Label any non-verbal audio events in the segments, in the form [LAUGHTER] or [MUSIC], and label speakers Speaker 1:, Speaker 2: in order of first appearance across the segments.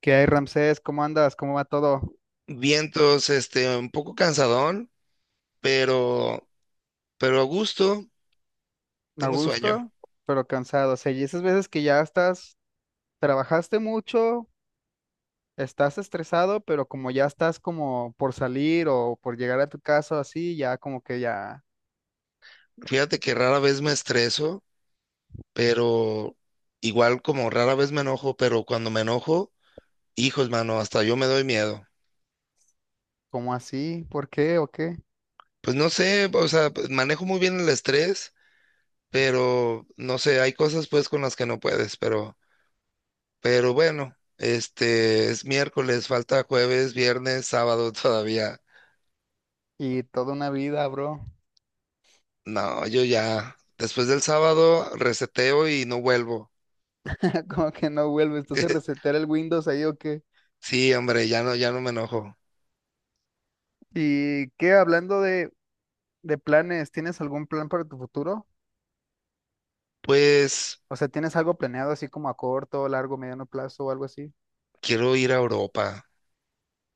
Speaker 1: ¿Qué hay, Ramsés? ¿Cómo andas? ¿Cómo va todo?
Speaker 2: Vientos, un poco cansadón, pero, pero a gusto,
Speaker 1: A
Speaker 2: tengo sueño.
Speaker 1: gusto, pero cansado. O sea, y esas veces que ya estás, trabajaste mucho, estás estresado, pero como ya estás como por salir o por llegar a tu casa o así, ya como que ya,
Speaker 2: Fíjate que rara vez me estreso, pero igual como rara vez me enojo, pero cuando me enojo, hijos, mano, hasta yo me doy miedo.
Speaker 1: como así? ¿Por qué o qué?
Speaker 2: Pues no sé, o sea, pues, manejo muy bien el estrés, pero no sé, hay cosas pues con las que no puedes, pero bueno, es miércoles, falta jueves, viernes, sábado [LAUGHS] todavía.
Speaker 1: Y toda una vida, bro.
Speaker 2: No, yo ya, después del sábado reseteo y no vuelvo.
Speaker 1: [LAUGHS] Como que no vuelves, entonces
Speaker 2: [LAUGHS]
Speaker 1: resetear el Windows ahí o qué.
Speaker 2: Sí, hombre, ya no me enojo.
Speaker 1: ¿Y qué? Hablando de planes, ¿tienes algún plan para tu futuro?
Speaker 2: Pues
Speaker 1: O sea, ¿tienes algo planeado así como a corto, largo, mediano plazo o algo así?
Speaker 2: quiero ir a Europa.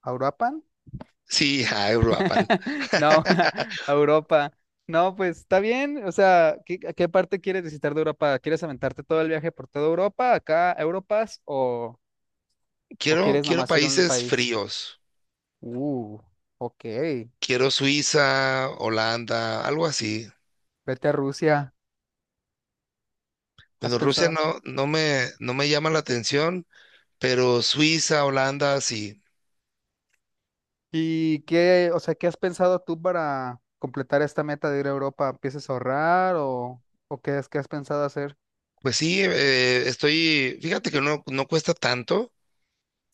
Speaker 1: ¿Auropan?
Speaker 2: Sí, a Europa.
Speaker 1: [LAUGHS] No,
Speaker 2: [LAUGHS]
Speaker 1: [LAUGHS] a Europa. No, pues está bien. O sea, ¿qué, a qué parte quieres visitar de Europa? ¿Quieres aventarte todo el viaje por toda Europa, acá, a Europas, o
Speaker 2: Quiero,
Speaker 1: quieres
Speaker 2: quiero
Speaker 1: nomás ir a un
Speaker 2: países
Speaker 1: país?
Speaker 2: fríos.
Speaker 1: Uh, ok.
Speaker 2: Quiero Suiza, Holanda, algo así.
Speaker 1: Vete a Rusia. ¿Has
Speaker 2: Bueno, Rusia
Speaker 1: pensado?
Speaker 2: no, no me llama la atención, pero Suiza, Holanda, sí.
Speaker 1: ¿Y qué, o sea, qué has pensado tú para completar esta meta de ir a Europa? ¿Empiezas a ahorrar o qué es que has pensado hacer?
Speaker 2: Pues sí, estoy, fíjate que no cuesta tanto.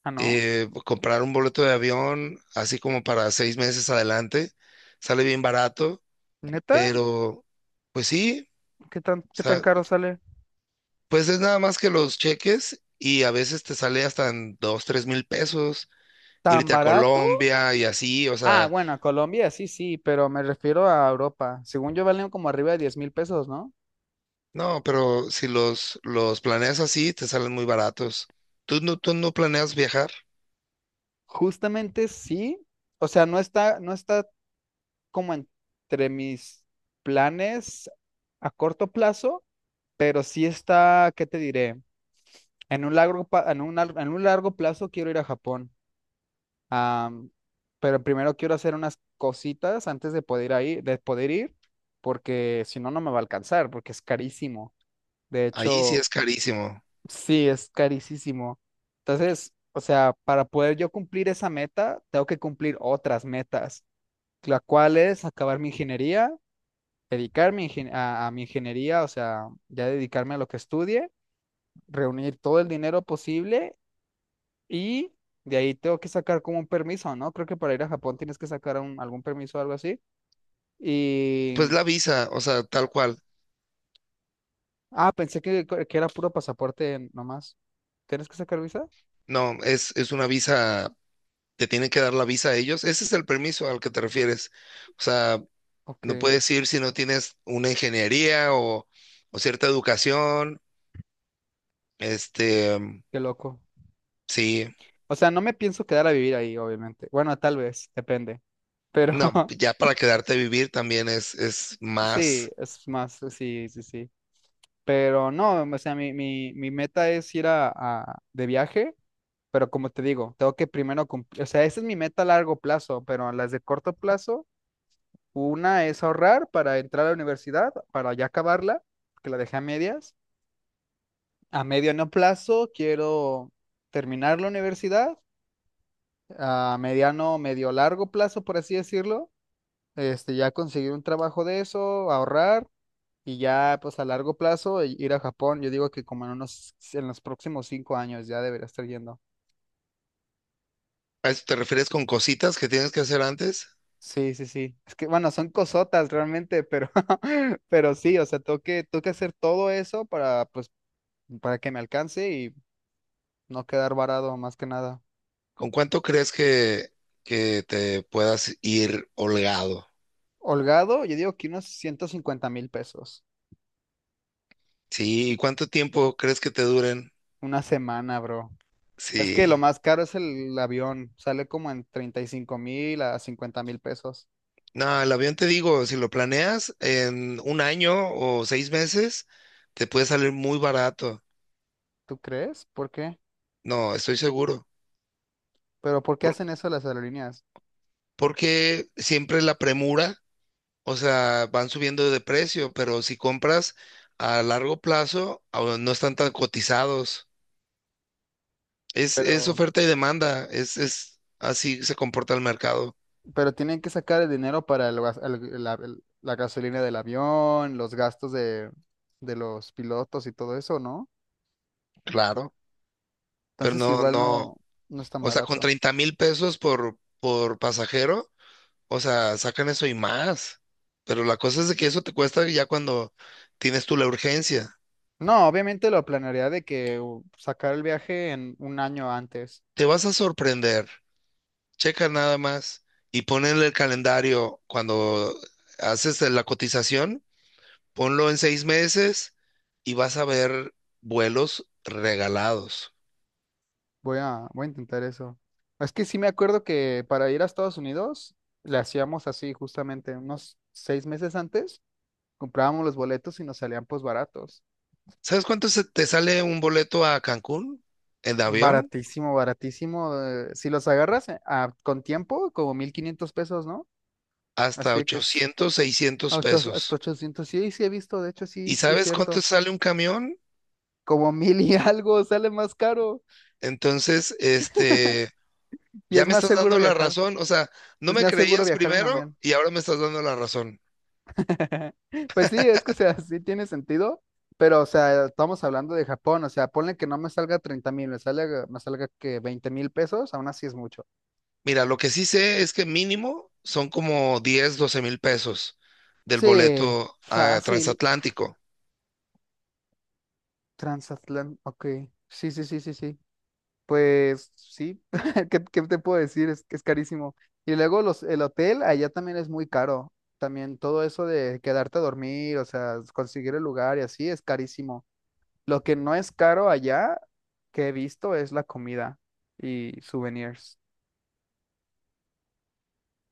Speaker 1: Ah, ¿no?
Speaker 2: Comprar un boleto de avión, así como para 6 meses adelante, sale bien barato,
Speaker 1: ¿Neta?
Speaker 2: pero pues sí, o
Speaker 1: Qué tan
Speaker 2: sea,
Speaker 1: caro sale?
Speaker 2: pues es nada más que los cheques y a veces te sale hasta en dos, 3,000 pesos
Speaker 1: ¿Tan
Speaker 2: irte a
Speaker 1: barato?
Speaker 2: Colombia y así, o
Speaker 1: Ah,
Speaker 2: sea,
Speaker 1: bueno, Colombia sí, sí, pero me refiero a Europa. Según yo valen como arriba de 10,000 pesos, ¿no?
Speaker 2: no, pero si los planeas así, te salen muy baratos. ¿Tú no planeas viajar?
Speaker 1: Justamente sí. O sea, no está, como entre mis planes a corto plazo, pero sí está, ¿qué te diré? En un largo, en un, en un largo plazo quiero ir a Japón. Ah, pero primero quiero hacer unas cositas antes de poder ir ahí, de poder ir, porque si no, no me va a alcanzar, porque es carísimo. De
Speaker 2: Ahí sí
Speaker 1: hecho,
Speaker 2: es carísimo.
Speaker 1: sí, es carísimo. Entonces, o sea, para poder yo cumplir esa meta, tengo que cumplir otras metas, la cual es acabar mi ingeniería, dedicarme a mi ingeniería, o sea, ya dedicarme a lo que estudie, reunir todo el dinero posible y de ahí tengo que sacar como un permiso, ¿no? Creo que para ir a Japón tienes que sacar algún permiso o algo así. Y,
Speaker 2: Pues la visa, o sea, tal cual.
Speaker 1: ah, pensé que era puro pasaporte nomás. ¿Tienes que sacar visa?
Speaker 2: No, es una visa te tienen que dar la visa a ellos. Ese es el permiso al que te refieres. O sea,
Speaker 1: Ok,
Speaker 2: no
Speaker 1: qué
Speaker 2: puedes ir si no tienes una ingeniería o cierta educación. Mm,
Speaker 1: loco.
Speaker 2: sí,
Speaker 1: O sea, no me pienso quedar a vivir ahí, obviamente. Bueno, tal vez, depende. Pero
Speaker 2: no,
Speaker 1: [LAUGHS]
Speaker 2: ya para quedarte a vivir también es
Speaker 1: sí,
Speaker 2: más.
Speaker 1: es más, sí, sí, sí. Pero no, o sea, mi meta es ir de viaje, pero como te digo, tengo que primero cumplir, o sea, esa es mi meta a largo plazo, pero las de corto plazo, una es ahorrar para entrar a la universidad, para ya acabarla, que la dejé a medias. A mediano plazo quiero terminar la universidad, a mediano, medio largo plazo, por así decirlo ya conseguir un trabajo de eso, ahorrar y ya pues a largo plazo ir a Japón. Yo digo que como en unos, en los próximos 5 años ya debería estar yendo.
Speaker 2: ¿A eso te refieres con cositas que tienes que hacer antes?
Speaker 1: Sí, sí, sí. Es que bueno, son cosotas realmente, pero, [LAUGHS] pero sí, o sea, tengo que hacer todo eso para, pues, para que me alcance y no quedar varado más que nada.
Speaker 2: ¿Con cuánto crees que te puedas ir holgado?
Speaker 1: Holgado, yo digo que unos 150,000 pesos.
Speaker 2: Sí, ¿y cuánto tiempo crees que te duren?
Speaker 1: Una semana, bro. Es que lo
Speaker 2: Sí.
Speaker 1: más caro es el avión. Sale como en 35,000 a 50,000 pesos.
Speaker 2: No, el avión te digo, si lo planeas en un año o 6 meses, te puede salir muy barato.
Speaker 1: ¿Tú crees? ¿Por qué?
Speaker 2: No, estoy seguro.
Speaker 1: ¿Pero por qué
Speaker 2: Por-
Speaker 1: hacen eso las aerolíneas?
Speaker 2: porque siempre la premura, o sea, van subiendo de precio, pero si compras a largo plazo, ah, no están tan cotizados. Es
Speaker 1: Pero,
Speaker 2: oferta y demanda, es así se comporta el mercado.
Speaker 1: pero tienen que sacar el dinero para el gas- el- la gasolina del avión, los gastos de los pilotos y todo eso, ¿no?
Speaker 2: Claro. Pero
Speaker 1: Entonces
Speaker 2: no,
Speaker 1: igual no,
Speaker 2: no,
Speaker 1: no es tan
Speaker 2: o sea, con
Speaker 1: barato.
Speaker 2: 30,000 pesos por pasajero. O sea, sacan eso y más. Pero la cosa es de que eso te cuesta ya cuando tienes tú la urgencia.
Speaker 1: No, obviamente lo planearía de que sacar el viaje en un año antes.
Speaker 2: Te vas a sorprender. Checa nada más y ponle el calendario cuando haces la cotización. Ponlo en 6 meses y vas a ver vuelos regalados.
Speaker 1: Voy a intentar eso. Es que sí me acuerdo que para ir a Estados Unidos le hacíamos así justamente unos 6 meses antes, comprábamos los boletos y nos salían pues baratos.
Speaker 2: ¿Sabes cuánto se te sale un boleto a Cancún en avión?
Speaker 1: Baratísimo, baratísimo. Si los agarras con tiempo, como 1,500 pesos, ¿no?
Speaker 2: Hasta
Speaker 1: Así de que es
Speaker 2: 800,
Speaker 1: a
Speaker 2: 600
Speaker 1: hasta
Speaker 2: pesos.
Speaker 1: 800. Sí, sí he visto, de hecho,
Speaker 2: ¿Y
Speaker 1: sí, sí es
Speaker 2: sabes cuánto
Speaker 1: cierto.
Speaker 2: sale un camión?
Speaker 1: Como mil y [LAUGHS] algo sale más caro
Speaker 2: Entonces...
Speaker 1: y
Speaker 2: Ya
Speaker 1: es
Speaker 2: me
Speaker 1: más
Speaker 2: estás
Speaker 1: seguro
Speaker 2: dando la
Speaker 1: viajar.
Speaker 2: razón, o sea, no
Speaker 1: Es
Speaker 2: me
Speaker 1: más seguro
Speaker 2: creías
Speaker 1: viajar en
Speaker 2: primero
Speaker 1: camión.
Speaker 2: y ahora me estás dando la razón.
Speaker 1: [LAUGHS] Pues sí, es que, o sea, sí tiene sentido, pero, o sea, estamos hablando de Japón, o sea, ponle que no me salga 30,000, me salga que 20,000 pesos, aún así es mucho.
Speaker 2: Mira, lo que sí sé es que mínimo son como 10, 12,000 pesos del
Speaker 1: Sí,
Speaker 2: boleto a
Speaker 1: fácil,
Speaker 2: transatlántico.
Speaker 1: transatlántico, ok, sí, sí, sí, sí, sí. Pues sí, [LAUGHS] ¿qué, qué te puedo decir? Es que es carísimo. Y luego los, el hotel allá también es muy caro. También todo eso de quedarte a dormir, o sea, conseguir el lugar y así es carísimo. Lo que no es caro allá que he visto es la comida y souvenirs.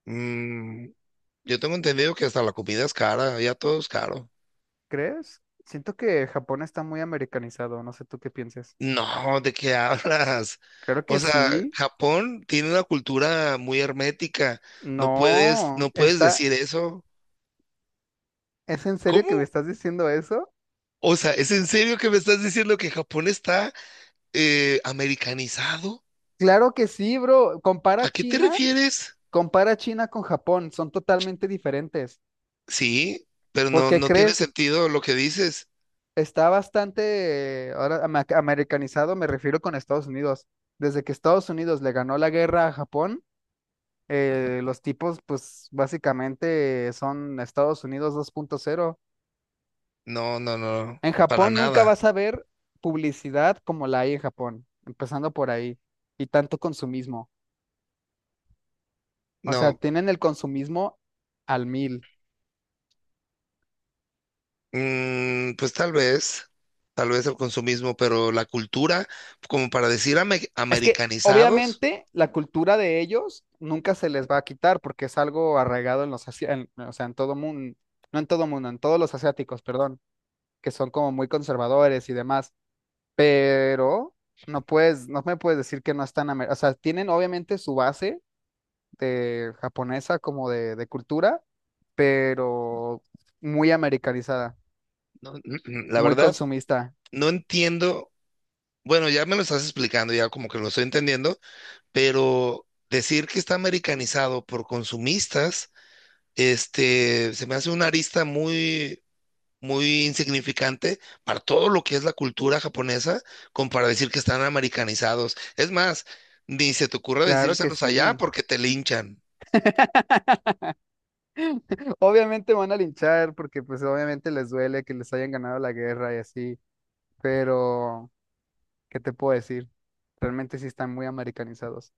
Speaker 2: Mm, yo tengo entendido que hasta la comida es cara, ya todo es caro.
Speaker 1: ¿Crees? Siento que Japón está muy americanizado, no sé tú qué pienses.
Speaker 2: No, ¿de qué [LAUGHS] hablas?
Speaker 1: Claro que
Speaker 2: O sea,
Speaker 1: sí.
Speaker 2: Japón tiene una cultura muy hermética. No puedes,
Speaker 1: No,
Speaker 2: no puedes
Speaker 1: está,
Speaker 2: decir eso.
Speaker 1: ¿es en serio
Speaker 2: ¿Cómo?
Speaker 1: que me estás diciendo eso?
Speaker 2: O sea, ¿es en serio que me estás diciendo que Japón está americanizado?
Speaker 1: Claro que sí, bro. Compara
Speaker 2: ¿A qué te
Speaker 1: China.
Speaker 2: refieres?
Speaker 1: Compara China con Japón, son totalmente diferentes.
Speaker 2: Sí, pero
Speaker 1: ¿Por
Speaker 2: no,
Speaker 1: qué
Speaker 2: no tiene
Speaker 1: crees?
Speaker 2: sentido lo que dices.
Speaker 1: Está bastante ahora americanizado, me refiero con Estados Unidos. Desde que Estados Unidos le ganó la guerra a Japón, los tipos, pues básicamente son Estados Unidos 2.0.
Speaker 2: No, no, no,
Speaker 1: En
Speaker 2: para
Speaker 1: Japón nunca
Speaker 2: nada.
Speaker 1: vas a ver publicidad como la hay en Japón, empezando por ahí, y tanto consumismo. O sea,
Speaker 2: No,
Speaker 1: tienen el consumismo al mil.
Speaker 2: pues tal vez el consumismo, pero la cultura, como para decir ame-
Speaker 1: Es que
Speaker 2: americanizados,
Speaker 1: obviamente la cultura de ellos nunca se les va a quitar porque es algo arraigado en los o sea, en todo mundo, no en todo mundo, en todos los asiáticos, perdón, que son como muy conservadores y demás, pero no puedes, no me puedes decir que no están, o sea, tienen obviamente su base de japonesa como de cultura, pero muy americanizada,
Speaker 2: no, la
Speaker 1: muy
Speaker 2: verdad,
Speaker 1: consumista.
Speaker 2: no entiendo. Bueno, ya me lo estás explicando, ya como que lo estoy entendiendo, pero decir que está americanizado por consumistas, se me hace una arista muy muy insignificante para todo lo que es la cultura japonesa, como para decir que están americanizados. Es más, ni se te ocurra
Speaker 1: Claro que
Speaker 2: decírselos allá
Speaker 1: sí.
Speaker 2: porque te linchan.
Speaker 1: Obviamente van a linchar porque pues obviamente les duele que les hayan ganado la guerra y así, pero ¿qué te puedo decir? Realmente sí están muy americanizados.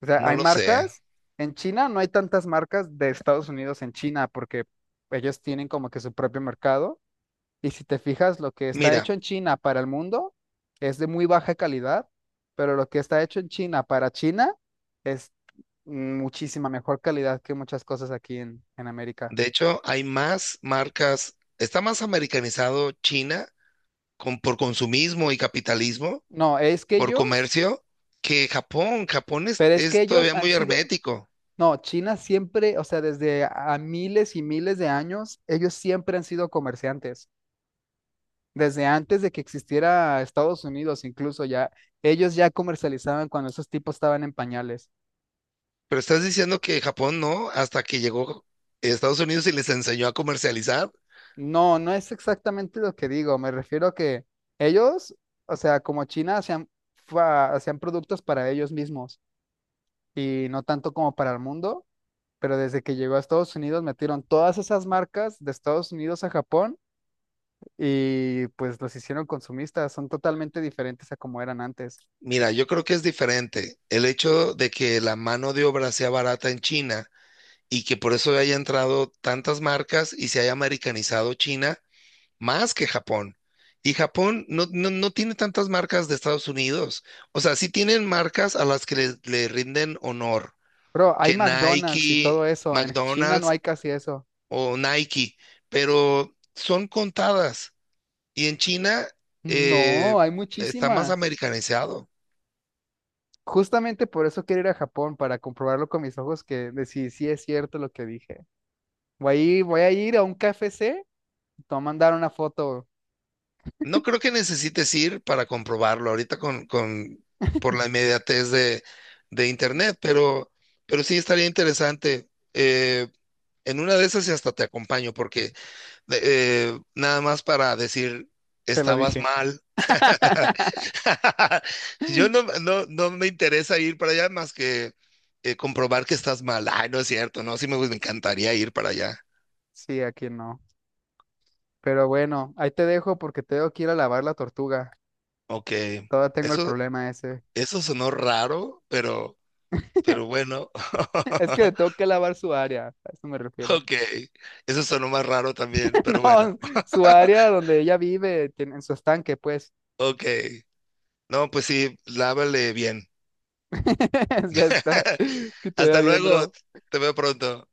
Speaker 1: O sea,
Speaker 2: No
Speaker 1: hay
Speaker 2: lo sé.
Speaker 1: marcas en China, no hay tantas marcas de Estados Unidos en China porque ellos tienen como que su propio mercado y si te fijas, lo que está
Speaker 2: Mira,
Speaker 1: hecho en China para el mundo es de muy baja calidad, pero lo que está hecho en China para China es muchísima mejor calidad que muchas cosas aquí en América.
Speaker 2: de hecho, hay más marcas, está más americanizado China por consumismo y capitalismo,
Speaker 1: No, es que
Speaker 2: por
Speaker 1: ellos.
Speaker 2: comercio, que Japón. Japón es,
Speaker 1: Pero es que
Speaker 2: es
Speaker 1: ellos
Speaker 2: todavía
Speaker 1: han
Speaker 2: muy
Speaker 1: sido,
Speaker 2: hermético.
Speaker 1: no, China siempre, o sea, desde a miles y miles de años, ellos siempre han sido comerciantes. Desde antes de que existiera Estados Unidos, incluso ya, ellos ya comercializaban cuando esos tipos estaban en pañales.
Speaker 2: Pero estás diciendo que Japón no, hasta que llegó Estados Unidos y les enseñó a comercializar.
Speaker 1: No, no es exactamente lo que digo, me refiero a que ellos, o sea, como China, hacían, hacían productos para ellos mismos y no tanto como para el mundo, pero desde que llegó a Estados Unidos metieron todas esas marcas de Estados Unidos a Japón y pues los hicieron consumistas, son totalmente diferentes a como eran antes.
Speaker 2: Mira, yo creo que es diferente. El hecho de que la mano de obra sea barata en China y que por eso haya entrado tantas marcas y se haya americanizado China más que Japón. Y Japón no, no, no tiene tantas marcas de Estados Unidos. O sea, sí tienen marcas a las que le rinden honor,
Speaker 1: Pero hay
Speaker 2: que
Speaker 1: McDonald's y todo
Speaker 2: Nike,
Speaker 1: eso, en China no
Speaker 2: McDonald's,
Speaker 1: hay casi eso.
Speaker 2: o Nike, pero son contadas. Y en China eh,
Speaker 1: No, hay
Speaker 2: está más
Speaker 1: muchísimas.
Speaker 2: americanizado.
Speaker 1: Justamente por eso quiero ir a Japón, para comprobarlo con mis ojos que de si sí es cierto lo que dije. Voy a ir a un KFC, te voy a mandar una foto,
Speaker 2: No creo que necesites ir para comprobarlo ahorita por la inmediatez de internet, pero sí estaría interesante. En una de esas y hasta te acompaño, porque nada más para decir,
Speaker 1: te lo
Speaker 2: estabas
Speaker 1: dije.
Speaker 2: mal.
Speaker 1: [LAUGHS]
Speaker 2: [LAUGHS] Yo no, no, no me interesa ir para allá más que comprobar que estás mal. Ay, no es cierto, no, sí me encantaría ir para allá.
Speaker 1: Sí, aquí no. Pero bueno, ahí te dejo porque tengo que ir a lavar la tortuga.
Speaker 2: Ok,
Speaker 1: Todavía tengo el
Speaker 2: eso,
Speaker 1: problema ese.
Speaker 2: eso sonó raro, pero bueno.
Speaker 1: [LAUGHS] Es que le tengo
Speaker 2: [LAUGHS]
Speaker 1: que lavar su área, a eso me refiero.
Speaker 2: Ok, eso sonó más raro también,
Speaker 1: [LAUGHS]
Speaker 2: pero bueno.
Speaker 1: No, su área donde ella vive, en su estanque, pues.
Speaker 2: Ok, no, pues sí, lávale bien.
Speaker 1: [LAUGHS] Ya está.
Speaker 2: [LAUGHS]
Speaker 1: Que te vea
Speaker 2: Hasta
Speaker 1: bien,
Speaker 2: luego,
Speaker 1: bro.
Speaker 2: te veo pronto.